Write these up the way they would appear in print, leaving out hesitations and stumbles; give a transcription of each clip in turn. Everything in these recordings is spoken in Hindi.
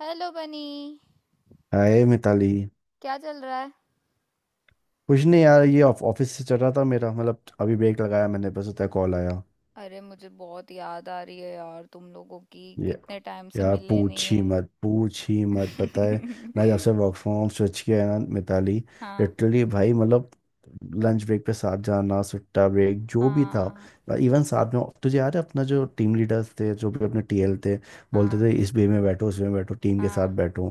हेलो बनी। हाय मिताली। क्या चल रहा है? कुछ नहीं यार, ये ऑफिस से चल रहा था, मेरा मतलब अभी ब्रेक लगाया मैंने, बस उतना कॉल आया। अरे मुझे बहुत याद आ रही है यार तुम लोगों की, ये। कितने टाइम से यार मिले नहीं पूछ ही है। मत, पूछ ही मत, पता है। मैं जब से वर्क फ्रॉम होम स्विच किया है ना मिताली, हाँ। लिटरली भाई, मतलब लंच ब्रेक पे साथ जाना, सुट्टा ब्रेक, जो भी था। हाँ। इवन साथ में तुझे याद है, अपना जो टीम लीडर्स थे, जो भी अपने टीएल थे, बोलते हाँ। थे इस बे में बैठो, उस बे में बैठो, टीम के साथ हाँ। बैठो।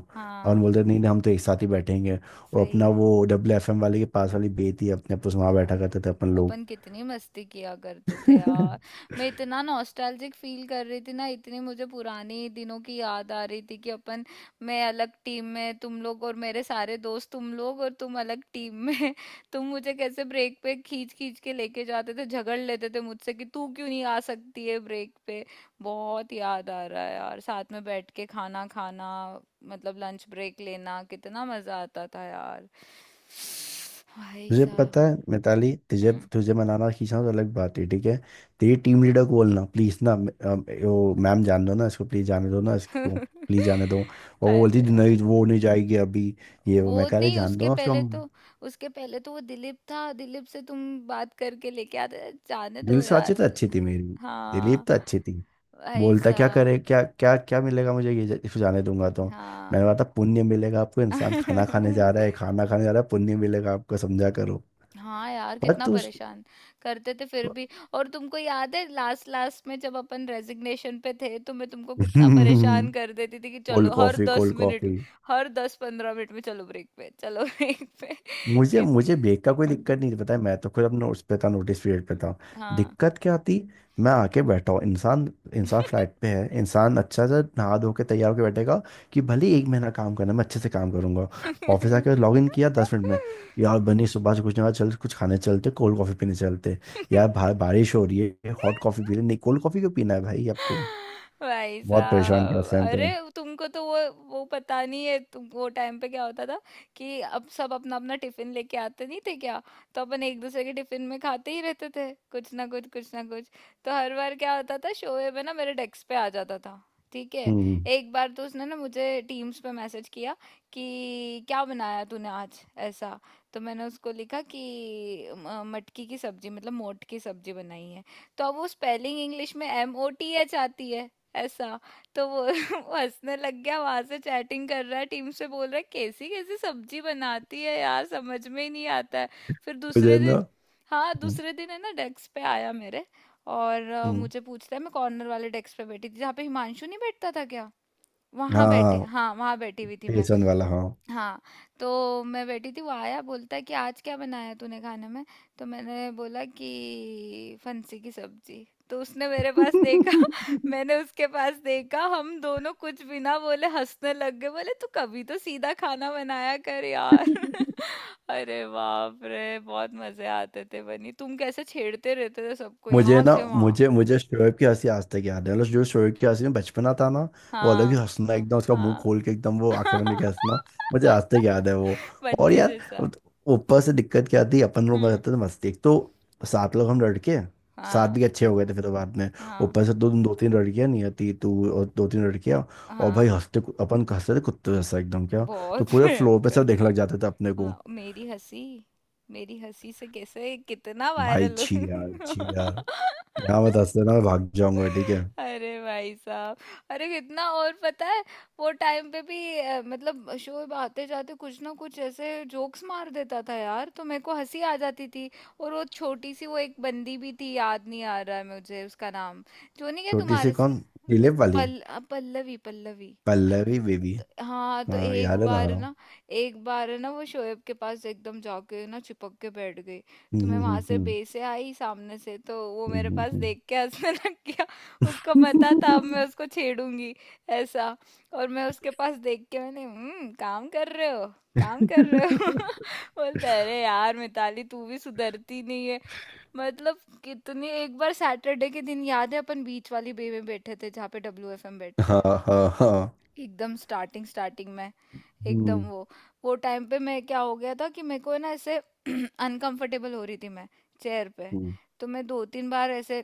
और हम हाँ। बोलते थे, नहीं नहीं हम तो एक साथ ही बैठेंगे। और सही अपना है वो डब्ल्यू एफ एम वाले के पास वाली बे थी अपने, आप तो वहाँ बैठा भाई, करते थे अपन अपन कितनी मस्ती किया करते थे लोग। यार। मैं इतना नॉस्टैल्जिक फील कर रही थी ना, इतनी मुझे पुरानी दिनों की याद आ रही थी कि अपन। मैं अलग टीम में, तुम लोग और मेरे सारे दोस्त, तुम लोग और तुम अलग टीम में। तुम मुझे कैसे ब्रेक पे खींच खींच के लेके जाते थे, झगड़ लेते थे मुझसे कि तू क्यों नहीं आ सकती है ब्रेक पे। बहुत याद आ रहा है यार साथ में बैठ के खाना खाना। मतलब लंच ब्रेक लेना कितना मजा आता था यार। भाई तुझे पता साहब। है मिताली, तुझे हुँ। तुझे मनाना खींचना तो अलग बात है, ठीक है। तेरी टीम लीडर को बोलना प्लीज ना, वो मैम जान दो ना इसको, प्लीज जाने दो ना इसको, प्लीज जाने दो। और वो बोलती अरे थी, नहीं यार! वो नहीं जाएगी अभी। ये वो वो मैं कह रहे नहीं जान दो उसके ना उसको, पहले हम तो उसके पहले तो वो दिलीप था, दिलीप से तुम बात करके लेके आते, जाने दो दिल से अच्छी, यार। तो अच्छी थी मेरी दिलीप, हाँ। तो अच्छी थी। भाई बोलता क्या साहब। करे, क्या क्या क्या मिलेगा मुझे ये इसको जाने दूंगा तो। मैंने हाँ। कहा था पुण्य मिलेगा आपको, इंसान खाना खाने जा रहा है, खाना खाने जा रहा है, पुण्य मिलेगा आपको, समझा करो। हाँ यार, पर कितना तू। परेशान करते थे फिर भी। और तुमको याद है लास्ट लास्ट में जब अपन रेज़िग्नेशन पे थे, तो मैं तुमको कितना परेशान कर देती थी कि कोल्ड चलो हर कॉफी, 10 कोल्ड मिनट, कॉफी। हर 10-15 मिनट में चलो ब्रेक पे, चलो ब्रेक पे। मुझे कित मुझे ब्रेक का कोई हुँ। दिक्कत नहीं, पता है मैं तो खुद अपने उस पे था, नोटिस पीरियड पे था। हाँ। दिक्कत क्या आती, मैं आके बैठा हूँ इंसान, इंसान फ्लैट पे है, इंसान अच्छा सा नहा धो के तैयार होकर बैठेगा कि भले ही एक महीना काम करना, मैं अच्छे से काम करूंगा। ऑफिस आके लॉग इन किया 10 मिनट में, यार बनी सुबह से कुछ ना चल, कुछ खाने चलते, कोल्ड कॉफ़ी पीने चलते। यार बाहर बारिश हो रही है, हॉट कॉफ़ी पी ले, नहीं कोल्ड कॉफ़ी क्यों पीना है भाई आपको। भाई बहुत परेशान किया साहब। उस टाइम अरे तो। तुमको तो वो पता नहीं है तुम, वो टाइम पे क्या होता था कि अब सब अपना अपना टिफिन लेके आते नहीं थे क्या। तो अपन एक दूसरे के टिफिन में खाते ही रहते थे, कुछ ना कुछ, कुछ ना कुछ। तो हर बार क्या होता था, शोएब है ना, मेरे डेस्क पे आ जाता था। ठीक है। हम्म। एक बार तो उसने ना मुझे टीम्स पे मैसेज किया कि क्या बनाया तूने आज। ऐसा। तो मैंने उसको लिखा कि मटकी की सब्जी, मतलब मोट की सब्जी बनाई है। तो अब वो स्पेलिंग इंग्लिश में एम ओ टी एच आती है। ऐसा। तो वो वो हंसने लग गया, वहां से चैटिंग कर रहा है टीम से, बोल रहा है कैसी कैसी सब्जी बनाती है यार, समझ में ही नहीं आता है। फिर मुझे दूसरे ना। दिन, हाँ हम्म। दूसरे दिन है ना, डेस्क पे आया मेरे। और हम्म। मुझे पूछता है। मैं कॉर्नर वाले डेस्क पे बैठी थी जहाँ पे हिमांशु नहीं बैठता था क्या, वहां बैठी, हाँ हाँ वहां बैठी हुई थी मैं। बेसन वाला, हाँ। हाँ। तो मैं बैठी थी, वो आया, बोलता है कि आज क्या बनाया तूने खाने में। तो मैंने बोला कि फंसी की सब्जी। तो उसने मेरे पास देखा, मैंने उसके पास देखा, हम दोनों कुछ भी ना बोले, हंसने लग गए, बोले तू कभी तो सीधा खाना बनाया कर यार। अरे बाप रे, बहुत मजे आते थे। बनी, तुम कैसे छेड़ते रहते थे सबको मुझे यहाँ ना से वहाँ। मुझे मुझे शोएब की हंसी आज तक याद है, मतलब जो शोएब की हंसी में बचपना था ना, वो अलग ही हाँ। हंसना, एकदम उसका मुंह हाँ। खोल के, एकदम वो आंखें बंद करके हंसना। मुझे आज तक याद है वो। और बच्चे यार, जैसा। ऊपर से दिक्कत क्या थी, अपन लोग हम्म। रहते थे मस्ती, एक तो 7 लोग हम लड़के, सात हाँ। भी अच्छे हो गए थे फिर तो बाद में। हाँ। ऊपर से दो दो तीन लड़कियां, नहीं आती तू और दो तीन लड़कियां। और भाई हाँ। हंसते, अपन हंसते थे कुत्ते जैसा एकदम, क्या तो बहुत पूरे फ्लोर पे भयंकर। सब देखने लग जाते थे अपने को। हाँ मेरी हंसी, मेरी हंसी से कैसे कितना भाई वायरल छी यार, हो। छी यार, यहाँ मत हंसते ना, मैं भाग जाऊंगा, ठीक है। अरे भाई साहब। अरे कितना, और पता है, वो टाइम पे भी मतलब शोएब आते जाते कुछ ना कुछ ऐसे जोक्स मार देता था यार, तो मेरे को हंसी आ जाती थी। और वो छोटी सी, वो एक बंदी भी थी, याद नहीं आ रहा है मुझे उसका नाम। जो नहीं क्या छोटी सी तुम्हारे कौन? वो दिलीप वाली? पल्लवी। पल्लवी पल्लवी बेबी, हाँ। तो हाँ एक याद है ना, बार हाँ। ना, एक बार ना वो शोएब के पास एकदम जाके ना चिपक के बैठ गई। तो मैं वहां से हम्म। बेसे आई सामने से, तो वो मेरे हम्म, पास हम्म, देख के हंसने लग गया। उसको पता था अब मैं उसको छेड़ूंगी। ऐसा। और मैं उसके पास देख के, मैंने हम्म, काम कर रहे हो, काम कर रहे हो। हम्म। बोलता है, अरे यार मिताली तू भी सुधरती नहीं है। मतलब कितनी। एक बार सैटरडे के दिन याद है, अपन बीच वाली बे में बैठे थे जहाँ पे डब्ल्यू एफ एम बैठते हाँ हैं। हाँ। हाँ। एकदम स्टार्टिंग स्टार्टिंग में, एकदम हम्म। वो टाइम पे मैं क्या हो गया था कि मेरे को है ना ऐसे अनकंफर्टेबल हो रही थी मैं चेयर पे। हम्म। तो मैं दो तीन बार ऐसे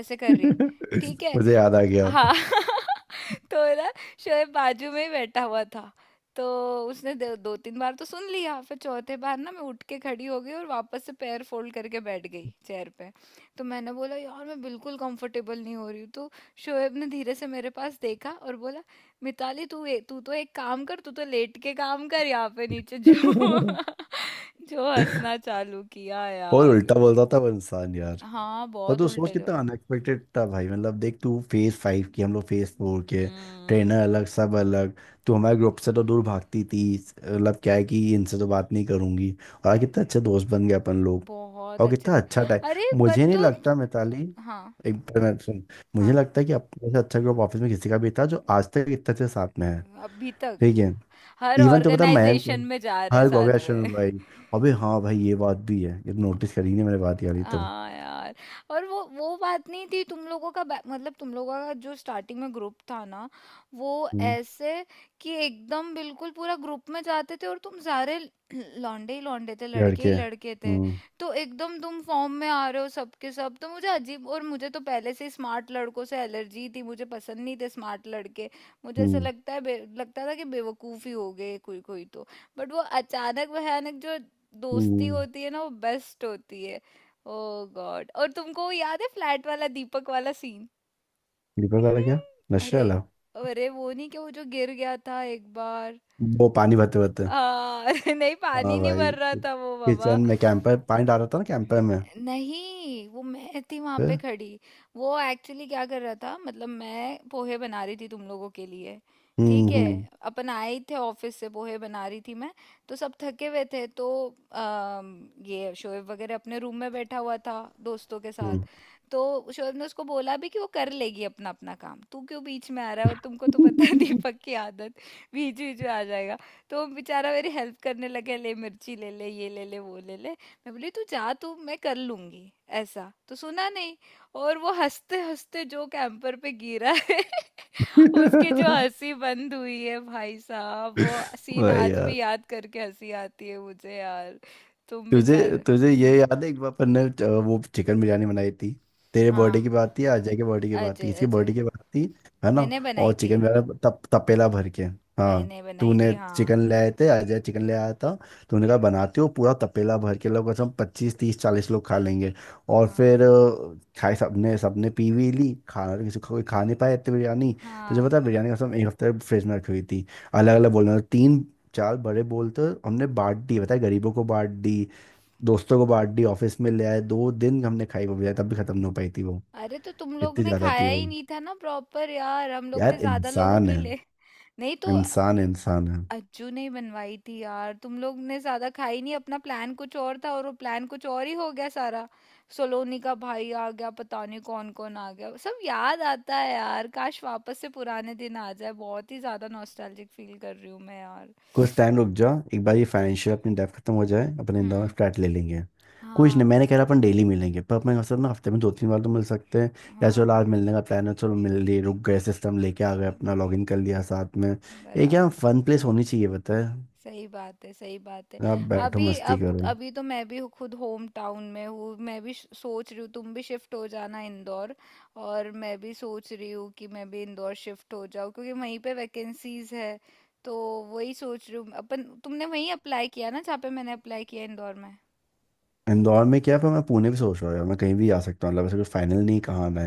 ऐसे कर रही। ठीक है। मुझे याद आ गया। हाँ। तो ना, शोएब बाजू में ही बैठा हुआ था। तो उसने दो तीन बार तो सुन लिया, फिर चौथे बार ना मैं उठ के खड़ी हो गई और वापस से पैर फोल्ड करके बैठ गई चेयर पे। तो मैंने बोला यार मैं बिल्कुल कंफर्टेबल नहीं हो रही हूँ। तो शोएब ने धीरे से मेरे पास देखा और बोला, मिताली तू तू तो एक काम कर, तू तो लेट के काम कर यहाँ पे नीचे जो। जो हंसना चालू किया और यार। उल्टा बोलता था वो इंसान यार। हाँ पर बहुत तू सोच, उल्टे जो। कितना अनएक्सपेक्टेड था भाई, मतलब देख तू फेज फाइव की, हम लोग फेज फोर के, हम्म। ट्रेनर अलग, सब अलग। तू हमारे ग्रुप से तो दूर भागती थी, मतलब क्या है कि इनसे तो बात नहीं करूंगी। और आज कितना अरे अच्छे दोस्त बन गए अपन लोग। बहुत और अच्छे कितना थे। अच्छा अरे टाइम, बट मुझे नहीं तो, लगता मिताली, हाँ। एक मिनट सुन, मुझे हाँ। लगता है कि अपने से अच्छा ग्रुप ऑफिस में किसी का भी था, जो आज तक इतने अच्छे साथ में है, अभी तक ठीक है। हर इवन तो पता मयंक को-, ऑर्गेनाइजेशन में जा रहे हर साथ में। कांग्रेचुलेशन भाई। अबे हाँ भाई, ये बात भी है, ये नोटिस करी नहीं मैंने, बात यारी तो। हाँ यार। और वो बात नहीं थी, तुम लोगों का मतलब तुम लोगों का जो स्टार्टिंग में ग्रुप था ना, वो हम्म। ऐसे, कि एकदम बिल्कुल पूरा ग्रुप में जाते थे और तुम सारे लौंडे ही लौंडे थे, लड़के ही लड़के। लड़के थे। तो एकदम तुम फॉर्म में आ रहे हो सबके सब, तो मुझे अजीब, और मुझे तो पहले से स्मार्ट लड़कों से एलर्जी थी, मुझे पसंद नहीं थे स्मार्ट लड़के। मुझे ऐसा हम्म लगता है लगता था कि बेवकूफ़ ही हो गए कोई कोई तो। बट वो अचानक भयानक जो दोस्ती हम्म। होती है ना, वो बेस्ट होती है। ओ गॉड, और तुमको याद है फ्लैट वाला दीपक वाला सीन? दीपक वाला क्या? नशे अरे, वाला? अरे वो नहीं क्या वो जो गिर गया था एक बार। वो पानी भरते भरते? हाँ। अरे नहीं पानी हाँ नहीं भाई, भर रहा था वो बाबा। किचन में कैंपर पानी डाल रहा था ना, कैंपर में, नहीं वो मैं थी वहां पे फिर। खड़ी। वो एक्चुअली क्या कर रहा था, मतलब मैं पोहे बना रही थी तुम लोगों के लिए। हम्म ठीक है। हम्म अपन आए थे ऑफिस से, पोहे बना रही थी मैं। तो सब थके हुए थे तो ये शोएब वगैरह अपने रूम में बैठा हुआ था दोस्तों के साथ। तो शोएब ने उसको बोला भी कि वो कर लेगी अपना अपना काम, तू क्यों बीच में आ रहा है। और तुमको तो पता है दीपक की आदत, बीच बीच में आ जाएगा। तो वो बेचारा मेरी हेल्प करने लगा, ले मिर्ची ले, ले ये ले, ले वो ले। ले मैं बोली तू जा, तू मैं कर लूंगी। ऐसा तो सुना नहीं। और वो हंसते हंसते जो कैंपर पे गिरा है, उसकी जो हम्म। हंसी बंद हुई है भाई साहब, वो सीन वही आज भी यार। याद करके हंसी आती है मुझे यार। तुम तुझे बेचारे। तुझे ये हम्म। याद है, एक बार अपन ने वो चिकन बिरयानी बनाई थी, तेरे बर्थडे हाँ की बात थी, अजय के बर्थडे की बात थी, अजय, किसी अजय। बर्थडे की बात थी, है ना। मैंने और बनाई थी। चिकन बिरयानी तपेला भर के, हाँ। मैंने बनाई थी तूने चिकन हाँ। ले आए थे, अजय चिकन ले आया था, तूने कहा बनाते हो, पूरा तपेला भर के लोग कसम, 25 30 40 लोग खा लेंगे। और हाँ। फिर खाए सबने, सबने पी भी ली, खाना किसी को कोई खा नहीं पाया, इतनी बिरयानी। तुझे हाँ। पता है, बिरयानी कसम एक हफ्ते फ्रिज में रखी हुई थी। अलग अलग बोलना, तीन चार बड़े बोलते, हमने बांट दी, बताया गरीबों को बांट दी, दोस्तों को बांट दी, ऑफिस में ले आए, 2 दिन हमने खाई वो भी, तब भी खत्म नहीं हो पाई थी वो, अरे तो तुम लोग इतनी ने ज्यादा खाया थी वो। ही नहीं था ना प्रॉपर यार, हम लोग यार ने ज्यादा लोगों इंसान के है, लिए। नहीं तो, इंसान इंसान है। अज्जू ने ही बनवाई थी यार, तुम लोग ने ज्यादा खाई नहीं। अपना प्लान कुछ और था और वो प्लान कुछ और ही हो गया सारा। सोलोनी का भाई आ गया, पता नहीं कौन कौन आ गया, सब याद आता है यार। काश वापस से पुराने दिन आ जाए, बहुत ही ज्यादा नॉस्टैल्जिक फील कर रही हूँ मैं यार। कुछ टाइम रुक जा, एक बार ये फाइनेंशियल अपनी डेब्ट खत्म हो जाए, अपने इंदौर में हम्म। फ्लैट ले लेंगे। कुछ नहीं, हाँ। मैंने कह रहा अपन डेली मिलेंगे पर, अपने असल ना हफ्ते में दो तीन बार तो मिल सकते हैं, या चलो हाँ। आज मिलने का प्लान है चलो मिल लिए, रुक गए सिस्टम लेके आ गए, अपना हाँ, लॉग इन कर लिया साथ में। एक यहाँ बराबर। फन प्लेस होनी चाहिए, पता है, सही बात है, सही बात है। आप बैठो अभी मस्ती अब करो। अभी तो मैं भी खुद होम टाउन में हूँ, मैं भी सोच रही हूँ तुम भी शिफ्ट हो जाना इंदौर। और मैं भी सोच रही हूँ कि मैं भी इंदौर शिफ्ट हो जाऊँ, क्योंकि वहीं पे वैकेंसीज है। तो वही सोच रही हूँ अपन। तुमने वहीं अप्लाई किया ना जहाँ पे मैंने अप्लाई किया इंदौर में, इंदौर में क्या है, पर मैं पुणे भी सोच रहा हूँ यार, मैं कहीं भी आ सकता हूँ, मतलब ऐसा कुछ फाइनल नहीं कहाँ मैं।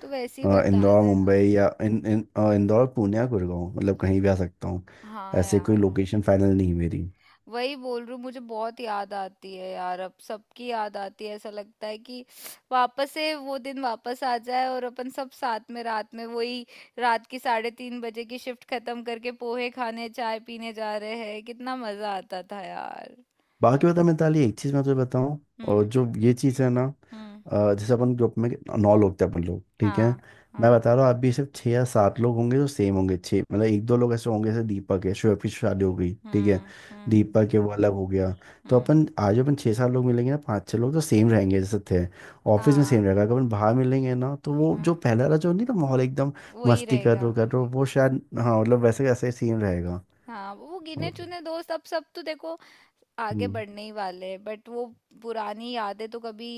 तो वैसे ही बता इंदौर मुंबई देना। या इन, इन, अ, इंदौर पुणे या गुड़गांव, मतलब कहीं भी आ सकता हूँ। हाँ ऐसे कोई यार। लोकेशन फाइनल नहीं है मेरी। वही बोल रही हूँ, मुझे बहुत याद आती है यार, अब सबकी याद आती है, ऐसा लगता है कि वापस से वो दिन वापस आ जाए और अपन सब साथ में रात में वही, रात की 3:30 बजे की शिफ्ट खत्म करके पोहे खाने चाय पीने जा रहे हैं, कितना मजा आता था यार। बाकी बता मिताली, एक चीज मैं तुझे बताऊं, और हम्म। जो ये चीज है ना, हम्म। जैसे अपन ग्रुप में 9 लोग थे अपन लोग, ठीक है। हाँ। मैं हाँ। बता रहा हूँ आप भी सिर्फ 6 या 7 लोग होंगे जो सेम होंगे, छः मतलब एक दो लोग ऐसे होंगे जैसे दीपक है, शोएब की शादी हो गई, ठीक है। हम्म। हम्म। दीपक है वो अलग हो गया। तो हम्म। अपन आज अपन 6-7 लोग मिलेंगे ना, 5-6 लोग तो सेम रहेंगे जैसे थे, ऑफिस में सेम हाँ। रहेगा, अगर अपन बाहर मिलेंगे ना तो वो जो हाँ पहला वाला जो नहीं था माहौल एकदम। वही मस्ती रहेगा। कर रो वो शायद हाँ, मतलब वैसे वैसे सेम रहेगा। हाँ वो गिने चुने दोस्त। अब सब तो देखो आगे हम्म। बढ़ने ही वाले हैं, बट वो पुरानी यादें तो कभी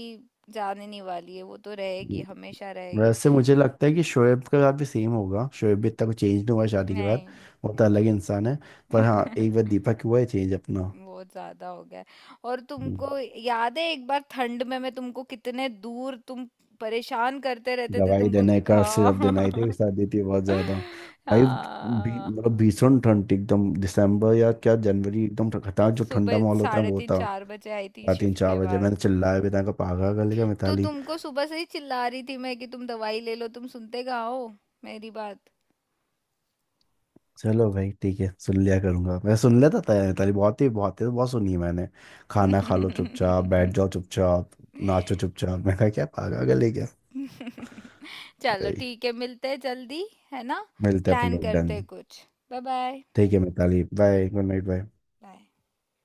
जाने नहीं वाली है, वो तो रहेगी, हम्म। हमेशा रहेगी। वैसे मुझे लगता है कि शोएब के साथ भी सेम होगा, शोएब भी इतना कुछ चेंज नहीं हुआ है शादी के बाद, नहीं। वो तो अलग इंसान है। पर हाँ एक बार दीपक हुआ है चेंज अपना। बहुत ज्यादा हो गया है। और हम्म, तुमको याद है एक बार ठंड में मैं तुमको कितने दूर, तुम परेशान करते रहते थे दवाई तुमको। देना है, कर्व सिरप हाँ। देना है, थे साथ देती है बहुत ज्यादा। भाई भी हाँ। मतलब भीषण ठंड थी एकदम, दिसंबर या क्या जनवरी, एकदम खतरनाक जो ठंडा सुबह माहौल होता है साढ़े वो तीन था। चार बजे आई थी रात तीन शिफ्ट चार के बजे बाद। मैंने चिल्लाया भी था, पागल कर लिया तो मिताली। तुमको सुबह से ही चिल्ला रही थी मैं कि तुम दवाई ले लो, तुम सुनते कहाँ हो मेरी बात? चलो भाई ठीक है सुन लिया करूंगा, मैं सुन लेता था यार, ताली बहुत ही बहुत ही बहुत सुनी है मैंने। खाना खा लो, चुपचाप बैठ जाओ, चुपचाप नाचो, चुपचाप, मैं कहा क्या पागल है क्या। चलो भाई ठीक है, मिलते हैं जल्दी, है ना? मिलते हैं अपन प्लान लोग करते डन। हैं कुछ। बाय। बाय। ठीक है Mitali, bye, good night, bye. Bye.